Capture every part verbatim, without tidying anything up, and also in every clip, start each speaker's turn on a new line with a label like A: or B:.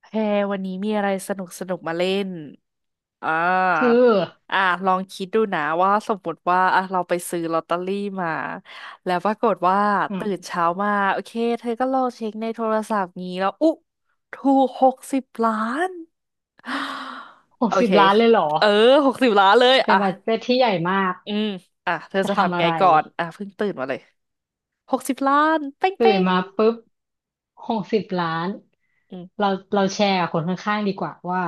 A: แพรวันนี้มีอะไรสนุกสนุกมาเล่น อ่า
B: คือ
A: อ่าลองคิดดูนะว่าสมมติว่าอ่ะเราไปซื้อลอตเตอรี่มาแล้วปรากฏว่า
B: อืม
A: ตื่นเช้ามาโอเคเธอก็ลองเช็คในโทรศัพท์งี้แล้วอุ๊ถูกหกสิบล้าน
B: ห
A: โอ
B: กสิ
A: เค
B: บล้านเลยเหรอ
A: เออหกสิบล้านเลย
B: เป็
A: อ่ะ
B: นบัดเจ็ตที่ใหญ่มาก
A: อืมอ่ะเธอ
B: จะ
A: จะ
B: ทำ
A: ทำ
B: อะ
A: ไง
B: ไร
A: ก่อนอ่ะเพิ่งตื่นมาเลยหกสิบล้านเป้ง
B: ตื่
A: เป้
B: น
A: ง
B: มาปุ๊บหกสิบล้าน
A: อืม
B: เราเราแชร์กับคนข้างๆดีกว่าว่า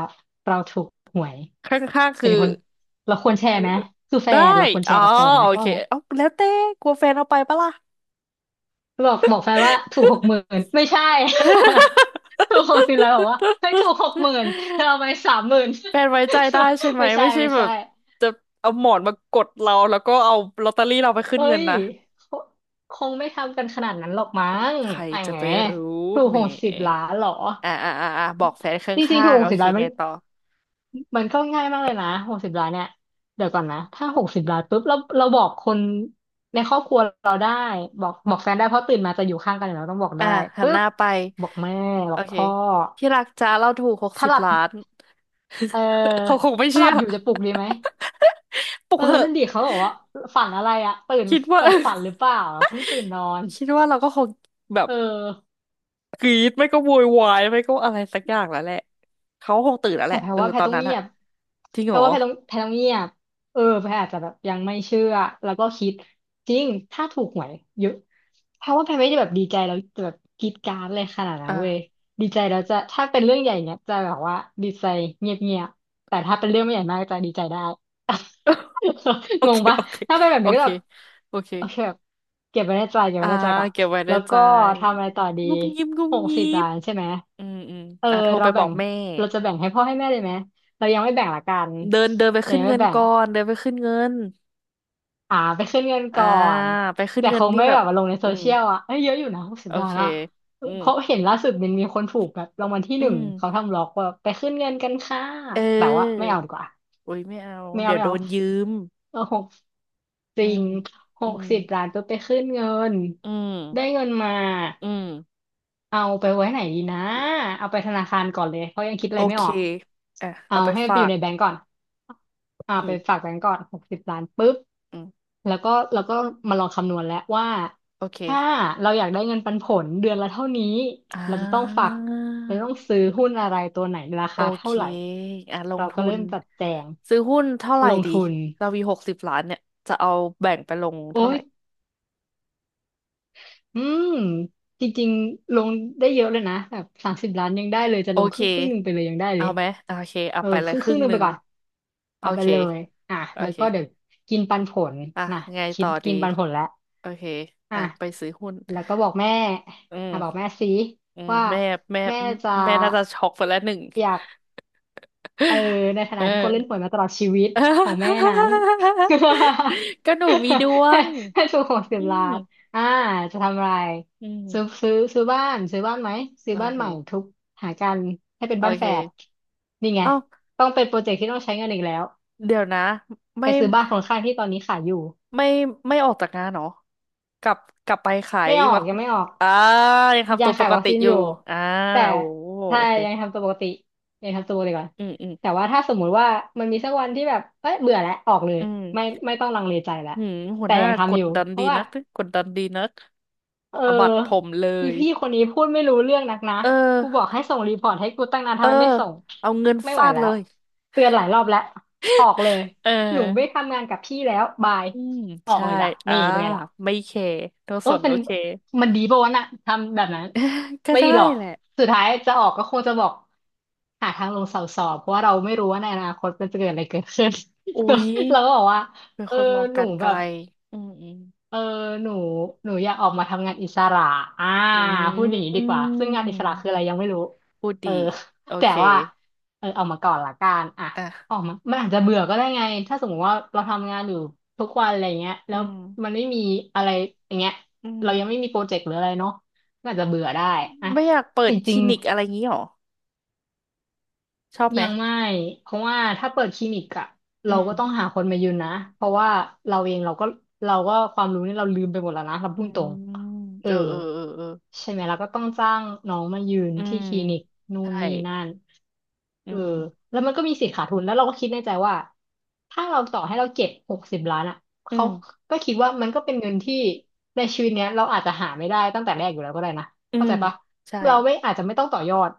B: เราถูกหวย
A: ข้างๆคื
B: เป็
A: อ
B: นคนเราควรแช
A: เอ
B: ร์
A: อ
B: ไหม
A: เออ
B: คือแฟ
A: ได้
B: นเราควรแช
A: อ๋อ
B: ร์กับแฟนไหม
A: โอเค
B: ว่าแบบ
A: เอาแล้วแต่กลัวแฟนเอาไปปะล่ะ
B: บอกบอกแฟนว่าถูกหกหมื่นไม่ใช่ ถูกหกสิบล้านบอกว่าเฮ้ยถูกหก หมื่นเธอเอาไปสามหมื่น
A: แฟนไว้ใจได้ใช่ ไหม
B: ไม่ใช่
A: ไม่ใช่
B: ไม่
A: แบ
B: ใช่
A: บจะเอาหมอนมากดเราแล้วก็เอาลอตเตอรี่เราไปขึ้น
B: เอ้
A: เงิน
B: ย
A: นะ
B: คคงไม่ทำกันขนาดนั้นหรอกมั้
A: โอ้ย
B: ง
A: ใคร
B: ไอ้
A: จะ
B: แหม
A: ไปรู้
B: ถูก
A: แหม
B: หกสิบล้านเหรอ
A: อ่าอ่าอ่าอ่าบอกแฟนข
B: จริงๆ
A: ้า
B: ถูก
A: ง
B: ห
A: ๆโอ
B: กสิบ
A: เค
B: ล้านมั
A: ไง
B: น
A: ต่อ
B: มันก็ง่ายมากเลยนะหกสิบล้านเนี่ยเดี๋ยวก่อนนะถ้าหกสิบล้านปุ๊บเราเราบอกคนในครอบครัวเราได้บอกบอกแฟนได้เพราะตื่นมาจะอยู่ข้างกันอยู่แล้วต้องบอก
A: อ่า
B: ได้
A: หัน
B: ปุ๊
A: ห
B: บ
A: น้าไป
B: บอกแม่บ
A: โอ
B: อก
A: เค
B: พ่อ
A: ที่รักจ้าเราถูกหก
B: ถ้า
A: สิบ
B: หลับ
A: ล้าน
B: เออ
A: เขาคงไม่
B: ถ้าห
A: เชื่
B: ลั
A: อ
B: บอยู่จะปลุกดีไหม
A: ปลุ
B: เอ
A: ก
B: อ
A: เหอะ
B: นั่นดิเขาบอกว่าฝันอะไรอะตื่น
A: คิดว่า
B: แบ บฝันหรือเปล่าเพิ่งตื่นนอน
A: คิดว่าเราก็คงแบบ
B: เออ
A: กรีดไม่ก็โวยวายไม่ก็อะไรสักอย่างแล้วแหละเขาคงตื่นแล้วแห
B: แต่
A: ละ
B: แพร
A: เออ
B: ว่าแพร
A: ตอน
B: ต้อง
A: นั้น
B: เงี
A: อะ
B: ยบ
A: จริง
B: แพ
A: เห
B: ร
A: รอ
B: ว่าแพรต้องแพรต้องเงียบเออแพรอาจจะแบบยังไม่เชื่อ แล้วก็คิดจริงถ้าถูกหวยเยอะแพรว่าแพรไม่ได้แบบดีใจแล้วจะแบบกรี๊ดกร๊าดเลยขนาดนั้
A: อ่ะ
B: นเว้ยดีใจแล้วจะถ้าเป็นเรื่องใหญ่เนี้ยจะแบบว่าดีใจเงียบเงียบแต่ถ้าเป็นเรื่องไม่ใหญ่มากจะดีใจได้
A: โอ
B: ง
A: เค
B: งปะ
A: โอเค
B: ถ้าเป็นแบบ
A: โอ
B: นี้ก็
A: เค
B: แบบ
A: โอเค
B: โอเคแบบเก็บไว้ในใจเก็บ
A: อ่า
B: ไว้ในใจก่อน
A: เก็บไว้ใน
B: แล้ว
A: ใจ
B: ก็ทำอะไรต่อดี
A: งุบงิบงุบ
B: หก
A: งิ
B: สิบ
A: บ
B: ล้านใช่ไหม
A: อืมอืม
B: เออ
A: อ่ะโทร
B: เรา
A: ไปบ
B: แบ่
A: อก
B: ง
A: แม่
B: เราจะแบ่งให้พ่อให้แม่เลยไหมเรายังไม่แบ่งละกัน
A: เดินเดินไป
B: เรา
A: ขึ้น
B: ยังไม่
A: เงิน
B: แบ่ง
A: ก่อนเดินไปขึ้นเงิน
B: อ่าไปขึ้นเงิน
A: อ่า
B: ก่อน
A: ไปขึ้น
B: แต่
A: เงิ
B: ค
A: น
B: ง
A: นี่
B: ไม่
A: แบ
B: แบ
A: บ
B: บมาลงในโซ
A: อืม
B: เชียลอ่ะเอ้ยเยอะอยู่นะหกสิ
A: โอ
B: บล้า
A: เค
B: นอะ
A: อื
B: เพ
A: ม
B: ราะเห็นล่าสุดมันมีคนถูกแบบรางวัลที่
A: อื
B: หนึ่ง
A: ม
B: เขาทำล็อกว่าไปขึ้นเงินกันค่ะ
A: เ
B: แบบว่า
A: ออ
B: ไม่เอาดีกว่า
A: โอ้ยไม่เอา
B: ไม่เอา
A: เดี๋ยว
B: ไม่
A: โด
B: เอา
A: นยืม
B: เออหกจ
A: อื
B: ริ
A: ม
B: งห
A: อื
B: ก
A: ม
B: สิบล้านตัวไปขึ้นเงิน
A: อืม
B: ได้เงินมา
A: อืม
B: เอาไปไว้ไหนดีนะ เอาไปธนาคารก่อนเลยเพราะยังคิดอะ
A: โอ
B: ไรไม่
A: เค
B: ออก
A: อ่ะ
B: เอา
A: เอาไป
B: ให้มัน
A: ฝา
B: ไปอยู่
A: ก
B: ในแบงก์ก่อนอ่า
A: อื
B: ไป
A: ม
B: ฝากแบงก์ก่อนหกสิบล้านปุ๊บ
A: อืม
B: แล้วก็แล้วก็มาลองคำนวณแล้วว่า
A: โอเค
B: ถ้าเราอยากได้เงินปันผลเดือนละเท่านี้
A: อ่
B: เราจะต้องฝา
A: า
B: กเราต้องซื้อหุ้นอะไรตัวไหนรา
A: โอ
B: คา
A: เค
B: เท่าไหร่
A: อ่ะลง
B: เราก็
A: ทุ
B: เริ่
A: น
B: มจัดแจง
A: ซื้อหุ้นเท่าไหร่
B: ลง
A: ดี
B: ทุน
A: เรามีหกสิบล้านเนี่ยจะเอาแบ่งไปลง
B: โอ้
A: เท่าไห
B: ย
A: ร่
B: อืมจริงๆลงได้เยอะเลยนะแบบสามสิบล้านยังได้เลยจะ
A: โอ
B: ลงค
A: เค
B: รึ่งครึ่งหนึ่งไปเลยยังได้เล
A: เอา
B: ย
A: ไหมโอเคเอา
B: เออ
A: ไปเล
B: ค
A: ย
B: รึ่ง
A: ค
B: ค
A: รึ่
B: รึ่ง
A: ง
B: หนึ่
A: ห
B: งไป
A: นึ่ง
B: ก่อน
A: โอ
B: เอาไป
A: เค
B: เลยอ่ะ
A: โอ
B: แล้ว
A: เค
B: ก็เดี๋ยวกินปันผล
A: อ่ะ
B: นะ
A: ไง
B: คิ
A: ต่
B: ด
A: อดี
B: กินปันผลแล้ว
A: โอเค
B: อ่ะ
A: อ่ะไปซื้อหุ้น
B: แล้วก็บอกแม่
A: อื
B: อ่ะบอก
A: ม
B: แม่สิ
A: อืม
B: ว่า
A: แม่แม่
B: แม่จะ
A: แม่น่าจะช็อกไปแล้วหนึ่ง
B: อยาก เออในฐา
A: เออ
B: นะที่คนเล่นหวยมาตลอดชีวิตของแม่นั้น
A: ก็หนูมีดวง
B: ให้ถูกหกสิ
A: อื
B: บล้า
A: ม
B: นอ่าจะทำอะไร
A: อื
B: ซื้อ
A: ม
B: ซื้อซื้อบ้านซื้อบ้านไหมซื้อ
A: โอ
B: บ้าน
A: เค
B: ใหม่ทุกหากันให้เป็น
A: โอ
B: บ้านแฝด
A: เค
B: นี่ไง
A: เอ้า
B: ต้องเป็นโปรเจกต์ที่ต้องใช้เงินอีกแล้ว
A: เดี๋ยวนะ
B: ไป
A: ไม่
B: ซื้อบ้านของข้างที่ตอนนี้ขายอยู่
A: ไม่ไม่ออกจากงานเหรอกลับกลับไปขาย
B: ไม่ออ
A: วั
B: ก
A: ก
B: ยังไม่ออก
A: อ่า ยังทำ
B: ยั
A: ตั
B: ง
A: วป
B: ขาย
A: ก
B: วัค
A: ติ
B: ซีน
A: อ
B: อ
A: ยู่
B: ยู่
A: อ่า
B: แต่
A: โอ้
B: ถ้า
A: โอเค
B: ยังทำตัวปกติยังทำตัวปกติก่อน
A: อืมอืม
B: แต่ว่าถ้าสมมุติว่ามันมีสักวันที่แบบเอ้ยเบื่อแล้วออกเลย
A: อื
B: ไม่
A: ม
B: ไม่ต้องลังเลใจแล้ว
A: หืมหัว
B: แต่
A: หน้า
B: ยัง
A: ก
B: ทำอ
A: ด
B: ยู่
A: ดัน
B: เพ
A: ดี
B: ราะว่า
A: นักกดดันดีนัก
B: เ
A: สะบัดผ
B: ออ
A: มเล
B: มี
A: ย
B: พี่คนนี้พูดไม่รู้เรื่องนักนะ
A: เอ
B: กูบอก
A: อ
B: ให้ส่งรีพอร์ตให้กูตั้งนาน
A: เอ
B: ทำ
A: อ
B: ไมไม่ส่ง
A: เอาเงิน
B: ไม่ไหว
A: ฟาด
B: แล้
A: เล
B: ว
A: ย
B: เตือนหลายรอบแล้วออกเลย
A: เอ
B: หนูไม่
A: อ
B: ทำงานกับพี่แล้วบาย
A: อืม
B: ออก
A: ใช่
B: เลยจ้ะ
A: อ่า
B: นี่เป็นไงล่ะ
A: ไม่เคโนส
B: ก็
A: น
B: เป็
A: โอ
B: น
A: เค
B: มันดีป่าวะน่ะทำแบบนั้น
A: ก็
B: ไม่
A: ได้
B: ดีหรอก
A: แหละ
B: สุดท้ายจะออกก็คงจะบอกหาทางลงเสาสอบเพราะว่าเราไม่รู้ว่าในอนาคตมันจะเกิดอะไรเกิดขึ้น
A: อุ๊ย
B: เราก็บอกว่า
A: เป็น
B: เอ
A: ค
B: อ
A: นมอง
B: ห
A: กา
B: นู
A: รไก
B: แบ
A: ล
B: บ
A: อืมอื
B: เออหนูหนูอยากออกมาทำงานอิสระอ่า
A: ม
B: พูดอย่างนี้
A: อื
B: ดีกว่าซึ่งงานอิส
A: ม
B: ระคืออะไรยังไม่รู้
A: พูด
B: เออ
A: ดีโอ
B: แต่
A: เค
B: ว่าเออออกมาก่อนละกันอ่ะ
A: อ่ะ
B: ออกมามันอาจจะเบื่อก็ได้ไงถ้าสมมติว่าเราทำงานอยู่ทุกวันอะไรเงี้ยแล้
A: อื
B: ว
A: ม
B: มันไม่มีอะไรอย่างเงี้ย
A: อืม
B: เรายังไม่มีโปรเจกต์หรืออะไรเนาะก็อาจจะเบื่อได้อ่ะ
A: ไม่อยากเปิ
B: แต่
A: ดค
B: จริ
A: ลิ
B: ง
A: นิกอะไรงี้หรอชอบไหม
B: ยังไม่เพราะว่าถ้าเปิดคลินิกอะ
A: อื
B: เรา
A: ม
B: ก็ต้องหาคนมายืนนะเพราะว่าเราเองเราก็เราก็ความรู้นี่เราลืมไปหมดแล้วนะเรา
A: อื
B: พูดตรง
A: ม
B: เอ
A: เอ
B: อ
A: อเออเออเออ
B: ใช่ไหมเราก็ต้องจ้างน้องมายืน
A: อื
B: ที่
A: ม
B: คลินิกนู่น
A: ใช่
B: นี่นั่น
A: อื
B: เออ
A: ม
B: แล้วมันก็มีสิทธิ์ขาดทุนแล้วเราก็คิดในใจว่าถ้าเราต่อให้เราเก็บหกสิบล้านอะ
A: อื
B: เขา
A: ม
B: ก็คิดว่ามันก็เป็นเงินที่ในชีวิตเนี้ยเราอาจจะหาไม่ได้ตั้งแต่แรกอยู่แล้วก็ได้นะ
A: อื
B: เข้า
A: ม
B: ใจปะ
A: ใช่
B: เราไม่อาจจะไม่ต้องต่อยอด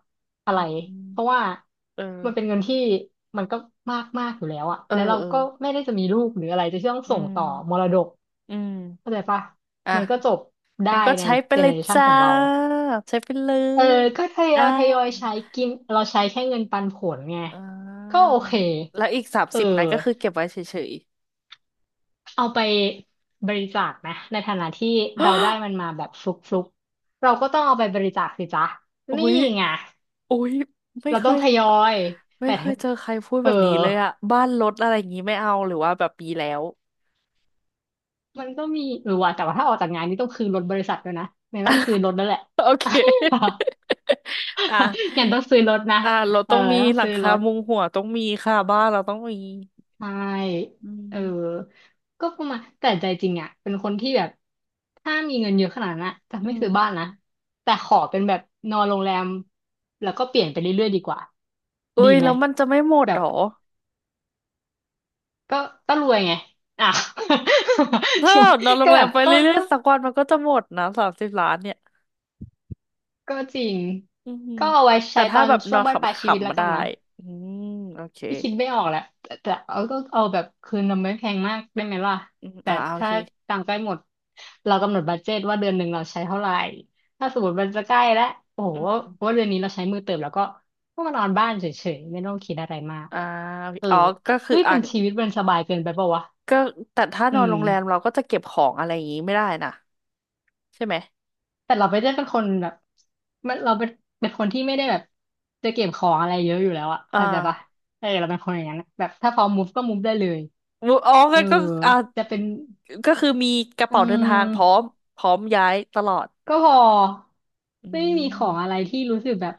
B: อะ
A: อื
B: ไร
A: ม
B: เพราะว่า
A: เออ
B: มันเป็นเงินที่มันก็มากมากอยู่แล้วอะ
A: เออ
B: แล้วเรา
A: เออ
B: ก็ไม่ได้จะมีลูกหรืออะไรจะต้อง
A: อื
B: ส่งต่อม
A: ม
B: รดก
A: อืม
B: เข้าใจปะ
A: อ่ะ
B: มันก็จบได้
A: แล้วก็
B: ใน
A: ใช้ไป
B: เจ
A: เล
B: เนอ
A: ย
B: เรชัน
A: จ้า
B: ของเรา
A: ใช้ไปเล
B: เออ
A: ย
B: ก็ทย
A: อ่า
B: อยทยอยใช้กินเราใช้แค่เงินปันผลไง
A: อ่
B: ก็
A: า
B: โอเค
A: แล้วอีกสาม
B: เออ
A: สิบนั้นก็คือเก็บไว้เฉย
B: เอาไปบริจาคนะในฐานะที่
A: ๆ
B: เราได้มันมา แบบฟลุกๆเราก็ต้องเอาไปบริจาคสิจ๊ะ
A: โอ้
B: นี่
A: ย
B: ไง
A: โอ้ยไม่
B: เรา
A: เค
B: ต้อง
A: ย
B: ทยอย
A: ไม่
B: แต่
A: เคยเจอใครพูด
B: เออ
A: แบบนี้เลยอะบ้านรถอะไรอย่างงี้ไม่เอาหรือว่าแบบมีแล้ว
B: มันก็มีเออว่ะแต่ว่าถ้าออกจากงานนี่ต้องคืนรถบริษัทด้วยนะเนี่ยต้องซื้อรถแล้วแหละ
A: โอเค อ่ะ
B: ยันต้องซื้อรถนะ
A: อ่ะรถ
B: เอ
A: ต้
B: อ
A: องมี
B: ต้อง
A: หลัง
B: ซื้อร
A: คา
B: ถ
A: มุงหัวต้องมีค่ะบ้านเราต้องมี
B: ใช่
A: อื
B: เอ
A: ม
B: อก็ประมาณแต่ใจจริงอ่ะเป็นคนที่แบบถ้ามีเงินเยอะขนาดนั้นอะจะไม่
A: อืม
B: ซื้อบ้านนะแต่ขอเป็นแบบนอนโรงแรมแล้วก็เปลี่ยนไปเรื่อยๆดีกว่าดี
A: อุ้ย
B: ไหม
A: แล้วมันจะไม่หมด
B: แบ
A: ห
B: บ
A: รอ
B: ก็ก็รวยไงอ่ะ
A: ถ้า เรานอนโร
B: ก็
A: งแร
B: แบ
A: ม
B: บ
A: ไป
B: ก็
A: เรื่อย
B: ก็
A: ๆสักวันมันก็จะหมดนะสามสิบล้านเนี่ย
B: ก็จริง
A: อือหือ
B: ก็เอาไว้
A: แต่
B: ใช้ต
A: ถ้า
B: อน
A: แบบ
B: ช่
A: น
B: ว
A: อ
B: ง
A: นข
B: บั้นปลายชีวิต
A: ำๆ
B: แล้ว
A: มา
B: กั
A: ได้
B: นนะ
A: อืมโอเค
B: ไม่คิดไม่ออกแหละแต่แต่เอาก็เอาแบบคืนเราไม่แพงมากได้ไหมล่ะ
A: อืม
B: แต่
A: อ่าโอ
B: ถ้า
A: เค
B: ตังค์ใกล้หมดเรากำหนดบัดเจตว่าเดือนหนึ่งเราใช้เท่าไหร่ถ้าสมมติมันจะใกล้แล้วโอ้โห
A: อืม
B: ว่าเดือนนี้เราใช้มือเติมแล้วก็ก็มานอนบ้านเฉยๆไม่ต้องคิดอะไรมาก
A: อ่า
B: เออ
A: อ๋อก็คือ
B: เฮ้ย
A: อ่ะ
B: มันชีวิตมันสบายเกินไปปะวะ
A: ก็แต่ถ้า
B: อื
A: นอน
B: ม
A: โรงแรมเราก็จะเก็บของอะไรอย่างงี้ไม่ได้นะใช่ไหม
B: แต่เราไปเล่นเป็นคนแบบมันเราเป็นเป็นคนที่ไม่ได้แบบจะเก็บของอะไรเยอะอยู่แล้วอะ
A: อ่า
B: เข้าใจปะเออเราเป็นคนอย่างนั้นอะแบบถ้าพร้อมุูฟก็มูฟได้เลย
A: มุอ๋อ
B: เอ
A: ก็
B: อ
A: ก็อ่า
B: จะเป็น
A: ก็คือมีกระ
B: อื
A: เป๋าเดินทางพร้อม
B: ม
A: พร้อมย้ายตลอด
B: ก็พอ
A: อื
B: ไม่มีข
A: ม
B: องอะไรที่รู้สึกแบบ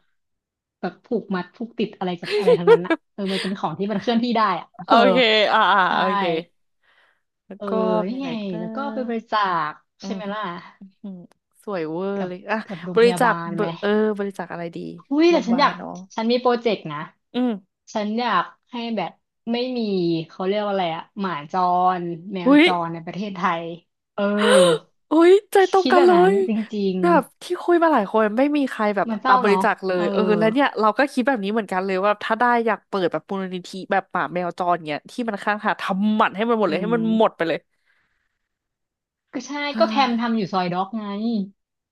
B: แบบผูกมัดผูกติดอะไรกับอะไรทั้งนั้นอะ เออมันเป็นของที่มันเคลื่อนที่ได้อะ
A: โอ
B: เออ
A: เคอ่าอ่า
B: ใช่
A: โอเคแล้ว
B: เออ
A: ก็
B: นี่
A: มีอะไร
B: ไง
A: อีกนะ
B: แล้วก็ไปบริจาค
A: อื
B: ใช่
A: ม
B: ไหมล่ะ
A: อืมสวยเวอร์
B: กับ
A: เลยอ่ะ
B: กับโรง
A: บ
B: พ
A: ริ
B: ยา
A: จา
B: บา
A: ค
B: ล
A: เบอ
B: ไหม
A: ร์เออบริจาคอะไรดี
B: อุ้ย
A: โร
B: แต่
A: งพยา
B: ฉัน
A: บา
B: อยา
A: ล
B: ก
A: เนาะ
B: ฉันมีโปรเจกต์นะ
A: อืม
B: ฉันอยากให้แบบไม่มีเขาเรียกว่าอะไรอะหมาจรแมว
A: หุย
B: จรในประเทศไทยเออ
A: หุยใจตรง
B: คิด
A: กั
B: แบ
A: น
B: บ
A: เล
B: นั้น
A: ย
B: จริง
A: แบบที่คุยมาหลายคนไม่มีใครแบบ
B: ๆมันเศ
A: อ่ะ
B: ร้า
A: บริ
B: เนาะ
A: จาคเล
B: เอ
A: ย
B: อ
A: เออแล้วเนี่ยเราก็คิดแบบนี้เหมือนกันเลยว่าถ้าได้อยากเปิดแบบมูลนิธิแบบหมาแมวจรเงี้ยที่มันข้างทางทำหมันให้มันหมด
B: อื
A: เลยให้
B: ม
A: มันหมดไปเลย
B: ก็ใช่ก็
A: เฮ้
B: แพ
A: ย
B: มทำอยู่ซอยด็อกไง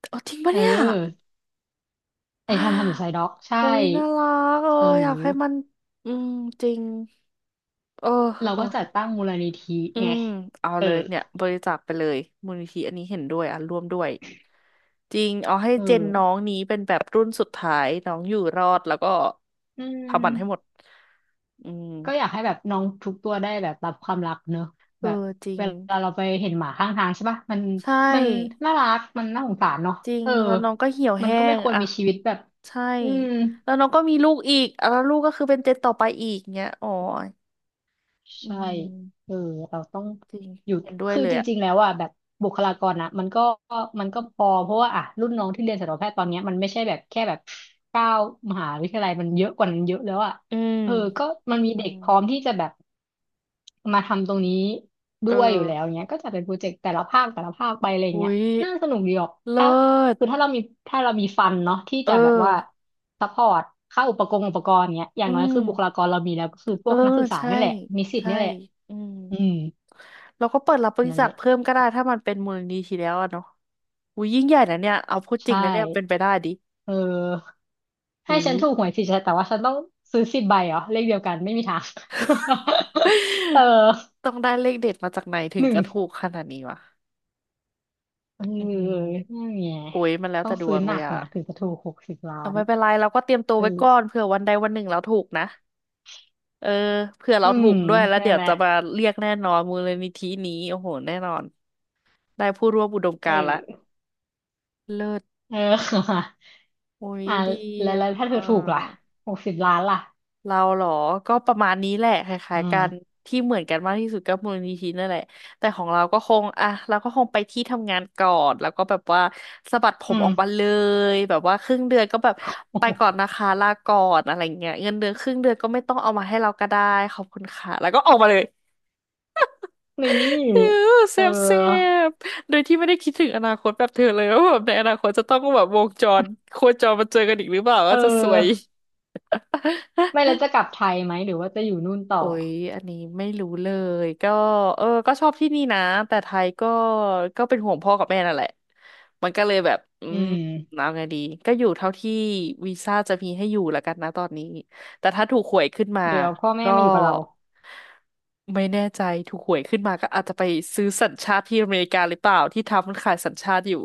A: เอาจริงปะ
B: เอ
A: เนี่ย
B: อไอแพมทำอยู่ซอยด็อกใช่
A: โอ้ ยน่ารักเออ
B: เอ
A: อยากให้มัน
B: อ
A: อืมจริงเออ
B: เรา
A: เออ
B: ก็จัดตั้งมูลนิธิ
A: อื
B: ไง
A: มเอา
B: เออ
A: เลยเนี่ยบริจาคไปเลยมูลนิธิอันนี้เห็นด้วยอ่ะร่วมด้วยจริงเอาให้
B: เออ
A: เจนน้องนี้เป็นแบบรุ่นสุดท้ายน้องอยู่รอดแล้วก็
B: อืม
A: พาบันให้หมดอืม
B: ก็อยากให้แบบน้องทุกตัวได้แบบรับความรักเนอะ
A: เอ
B: แบ
A: อ
B: บ
A: จริ
B: เว
A: ง
B: ลาเราไปเห็นหมาข้างทางใช่ปะมัน
A: ใช่
B: มันน่ารักมันน่าสงสารเนาะ
A: จริง
B: เออ
A: แล้วน้องก็เหี่ยว
B: มัน
A: แห้
B: ก็ไม่
A: ง
B: ควร
A: อ่ะ
B: มีชีวิตแบบ
A: ใช่
B: อืม
A: แล้วน้องก็มีลูกอีกอ่ะแล้วลูกก็คือเป็นเจนต่อไปอีกเงี้ยอ๋ออื
B: ใช่
A: ม
B: เออเราต้อง
A: จริง
B: หยุด
A: เห็นด้วย
B: คือ
A: เลย
B: จ
A: อ่ะ
B: ริงๆ แล้วอ่ะแบบบุคลากรนะมันก็มันก็พอเพราะว่าอ่ะรุ่นน้องที่เรียนสัตวแพทย์ตอนเนี้ยมันไม่ใช่แบบแค่แบบเก้ามหาวิทยาลัยมันเยอะกว่านั้นเยอะแล้วอ่ะ
A: อืม
B: เออก็มันมี
A: อื
B: เด็ก
A: ม
B: พร้อมที่จะแบบมาทำตรงนี้
A: เอ
B: ด้
A: อ
B: วยอยู่แล้วเนี้ยก็จะเป็นโปรเจกต์แต่ละภาคแต่ละภาคไปอะไร
A: อุ้
B: เงี้ย
A: ย
B: น่าสนุกดีออก
A: เลิ
B: ถ้าคือ
A: ศ
B: ถ้าเรามีถ้าเรามีฟันเนาะที่
A: เอ
B: จะแบบ
A: อ
B: ว่า ซัพพอร์ตค่าอุปกรณ์อุปกรณ์เนี้ยอย่า
A: อื
B: งน้อยคือบุคลา
A: ม
B: กรเรามีแล้วก็คือพ
A: เอ
B: ว
A: อ
B: กนักศึกษา
A: ใช่
B: นี่แหละนิสิต
A: ใช่
B: นี่แหละ
A: อืม
B: อืม
A: เราก็เปิดรับบริ
B: นั่น
A: จา
B: แห
A: ค
B: ละ
A: เพิ่มก็ได้ถ้ามันเป็นมูลนิธิแล้วอะเนาะอุ้ยยิ่งใหญ่นะเนี่ยเอาพูดจริ
B: ใช่
A: งนะเนี่ยเป็นไปได้ดิ
B: เออให้
A: อุ้
B: ฉั
A: ย
B: นถูกหวยสิฉันแต่ว่าฉันต้องซื้อสิบใบเหรอเลขเดียวกันไม่มีทาง เออ
A: ต้องได้เลขเด็ดมาจากไหนถึ
B: ห
A: ง
B: นึ่ง
A: จะถูกขนาดนี้วะ
B: เออ
A: อืม
B: นั่นไง
A: โอ้ยมันแล้ว
B: ต้อ
A: แต่
B: ง
A: ด
B: ซื้
A: ว
B: อ
A: ง
B: ห
A: เล
B: นั
A: ย
B: ก
A: อะ
B: นะถึงจะถูกหกสิบล้า
A: เอา
B: น
A: ไม่เป็นไรเราก็เตรียมตัว
B: เอ
A: ไว้ก่อน
B: อ
A: เผื่อวันใดวันหนึ่งเราถูกนะเออเผื่อเรา
B: อื
A: ถู
B: ม
A: กด้วยแล้ว
B: นั่
A: เดี๋
B: น
A: ย
B: แห
A: ว
B: ละ
A: จะมาเรียกแน่นอนมูลนิธินี้โอ้โหแน่นอนได้ผู้ร่วมอุดม
B: เอ
A: กา
B: อ
A: รณ์ละเลิศ
B: เออ
A: โอ้ย
B: อ่า
A: ดี
B: แล้ว
A: อ่ะ
B: แล้วถ้าเธอถูกล่ะหกสิบล้านล่ะ
A: เราเหรอก็ประมาณนี้แหละคล้า
B: อื
A: ยๆกัน
B: ม
A: ที่เหมือนกันมากที่สุดก็มูลนิธินั่นแหละ แต่ของเราก็คงอ่ะเราก็คงไปที่ทำงานก่อนแล้วก็แบบว่าสะบัดผ
B: อื
A: มอ
B: ม
A: อกมาเลยแบบว่าครึ่งเดือนก็แบบไปก่อน นะคะลาก่อนอะไรเงี้ยเงินเดือนครึ่งเดือนก็ไม่ต้องเอามาให้เราก็ได้ขอบคุณค่ะแล้วก็ออกมาเลย
B: นี
A: เออ
B: ่
A: เซ
B: เอ
A: ฟเซ
B: อ
A: ฟโดยที่ไม่ได้คิดถึงอนาคตแบบเธอเลยว่าแบบในอนาคตจะต้องแบบวงจรโคจรมาเจอกันอีกหรือเปล่า
B: เ
A: ว่าจะซวย
B: ออ ไม่แล้วจะกลับไทยไหมหรือว่าจะอยู่นู่นต่อ
A: โอ้ย อันนี้ไม่รู้เลย ก็เออก็ชอบที่นี่นะ แต่ไทยก็ก็เป็นห่วงพ่อกับแม่นั่นแหละมันก็เลยแบบอื
B: อื
A: มเอา
B: ม
A: ไงดีก็อยู่เท่าที่วีซ่าจะมีให้อยู่แล้วกันนะตอนนี้ แต่ถ้าถูกหวยขึ้นมา
B: เดี๋ยวพ่อแม่
A: ก็
B: มาอยู่กับเรา
A: ไม่แน่ใจถูกหวยขึ้นมาก็อาจจะไปซื้อสัญชาติที่อเมริกาหรือเปล่าที่ทำมันขายสัญชาติอยู่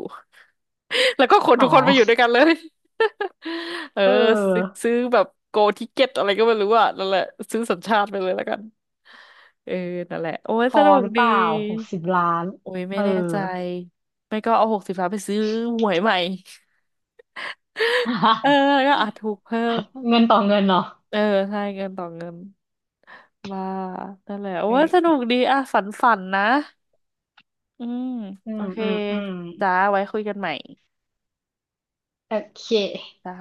A: แล้วก็ขน
B: อ๋
A: ทุกคนไปอยู่
B: อ
A: ด้วยกันเลย เออ
B: เ
A: ซื้อ
B: ออ
A: ซื้อแบบโกทิเก็ตอะไรก็ไม่รู้อ่ะนั่นแหละซื้อสัญชาติไปเลยแล้วกัน เออนั่นแหละโอ้ย
B: พ
A: ส
B: อ
A: นุก
B: หรือเป
A: ดี
B: ล่าหกสิบล้าน
A: โอ้ยไม่
B: เอ
A: แน่
B: อ
A: ใจ ไม่ก็เอาหกสิบล้านไปซื้อหวยใหม่ เออแล้วก็อาจถูกเพิ่ม
B: เงินต่อเงินเนาะ
A: เออใช่เงินต่อเงินว่านั่นแหละโอ้ยสนุ
B: เออ
A: กดีอ่ะฝันฝันนะ อืม
B: อื
A: โอ
B: ม
A: เค
B: อืม อืม
A: จ้าไว้คุยกันใหม่
B: โอเค
A: จ้า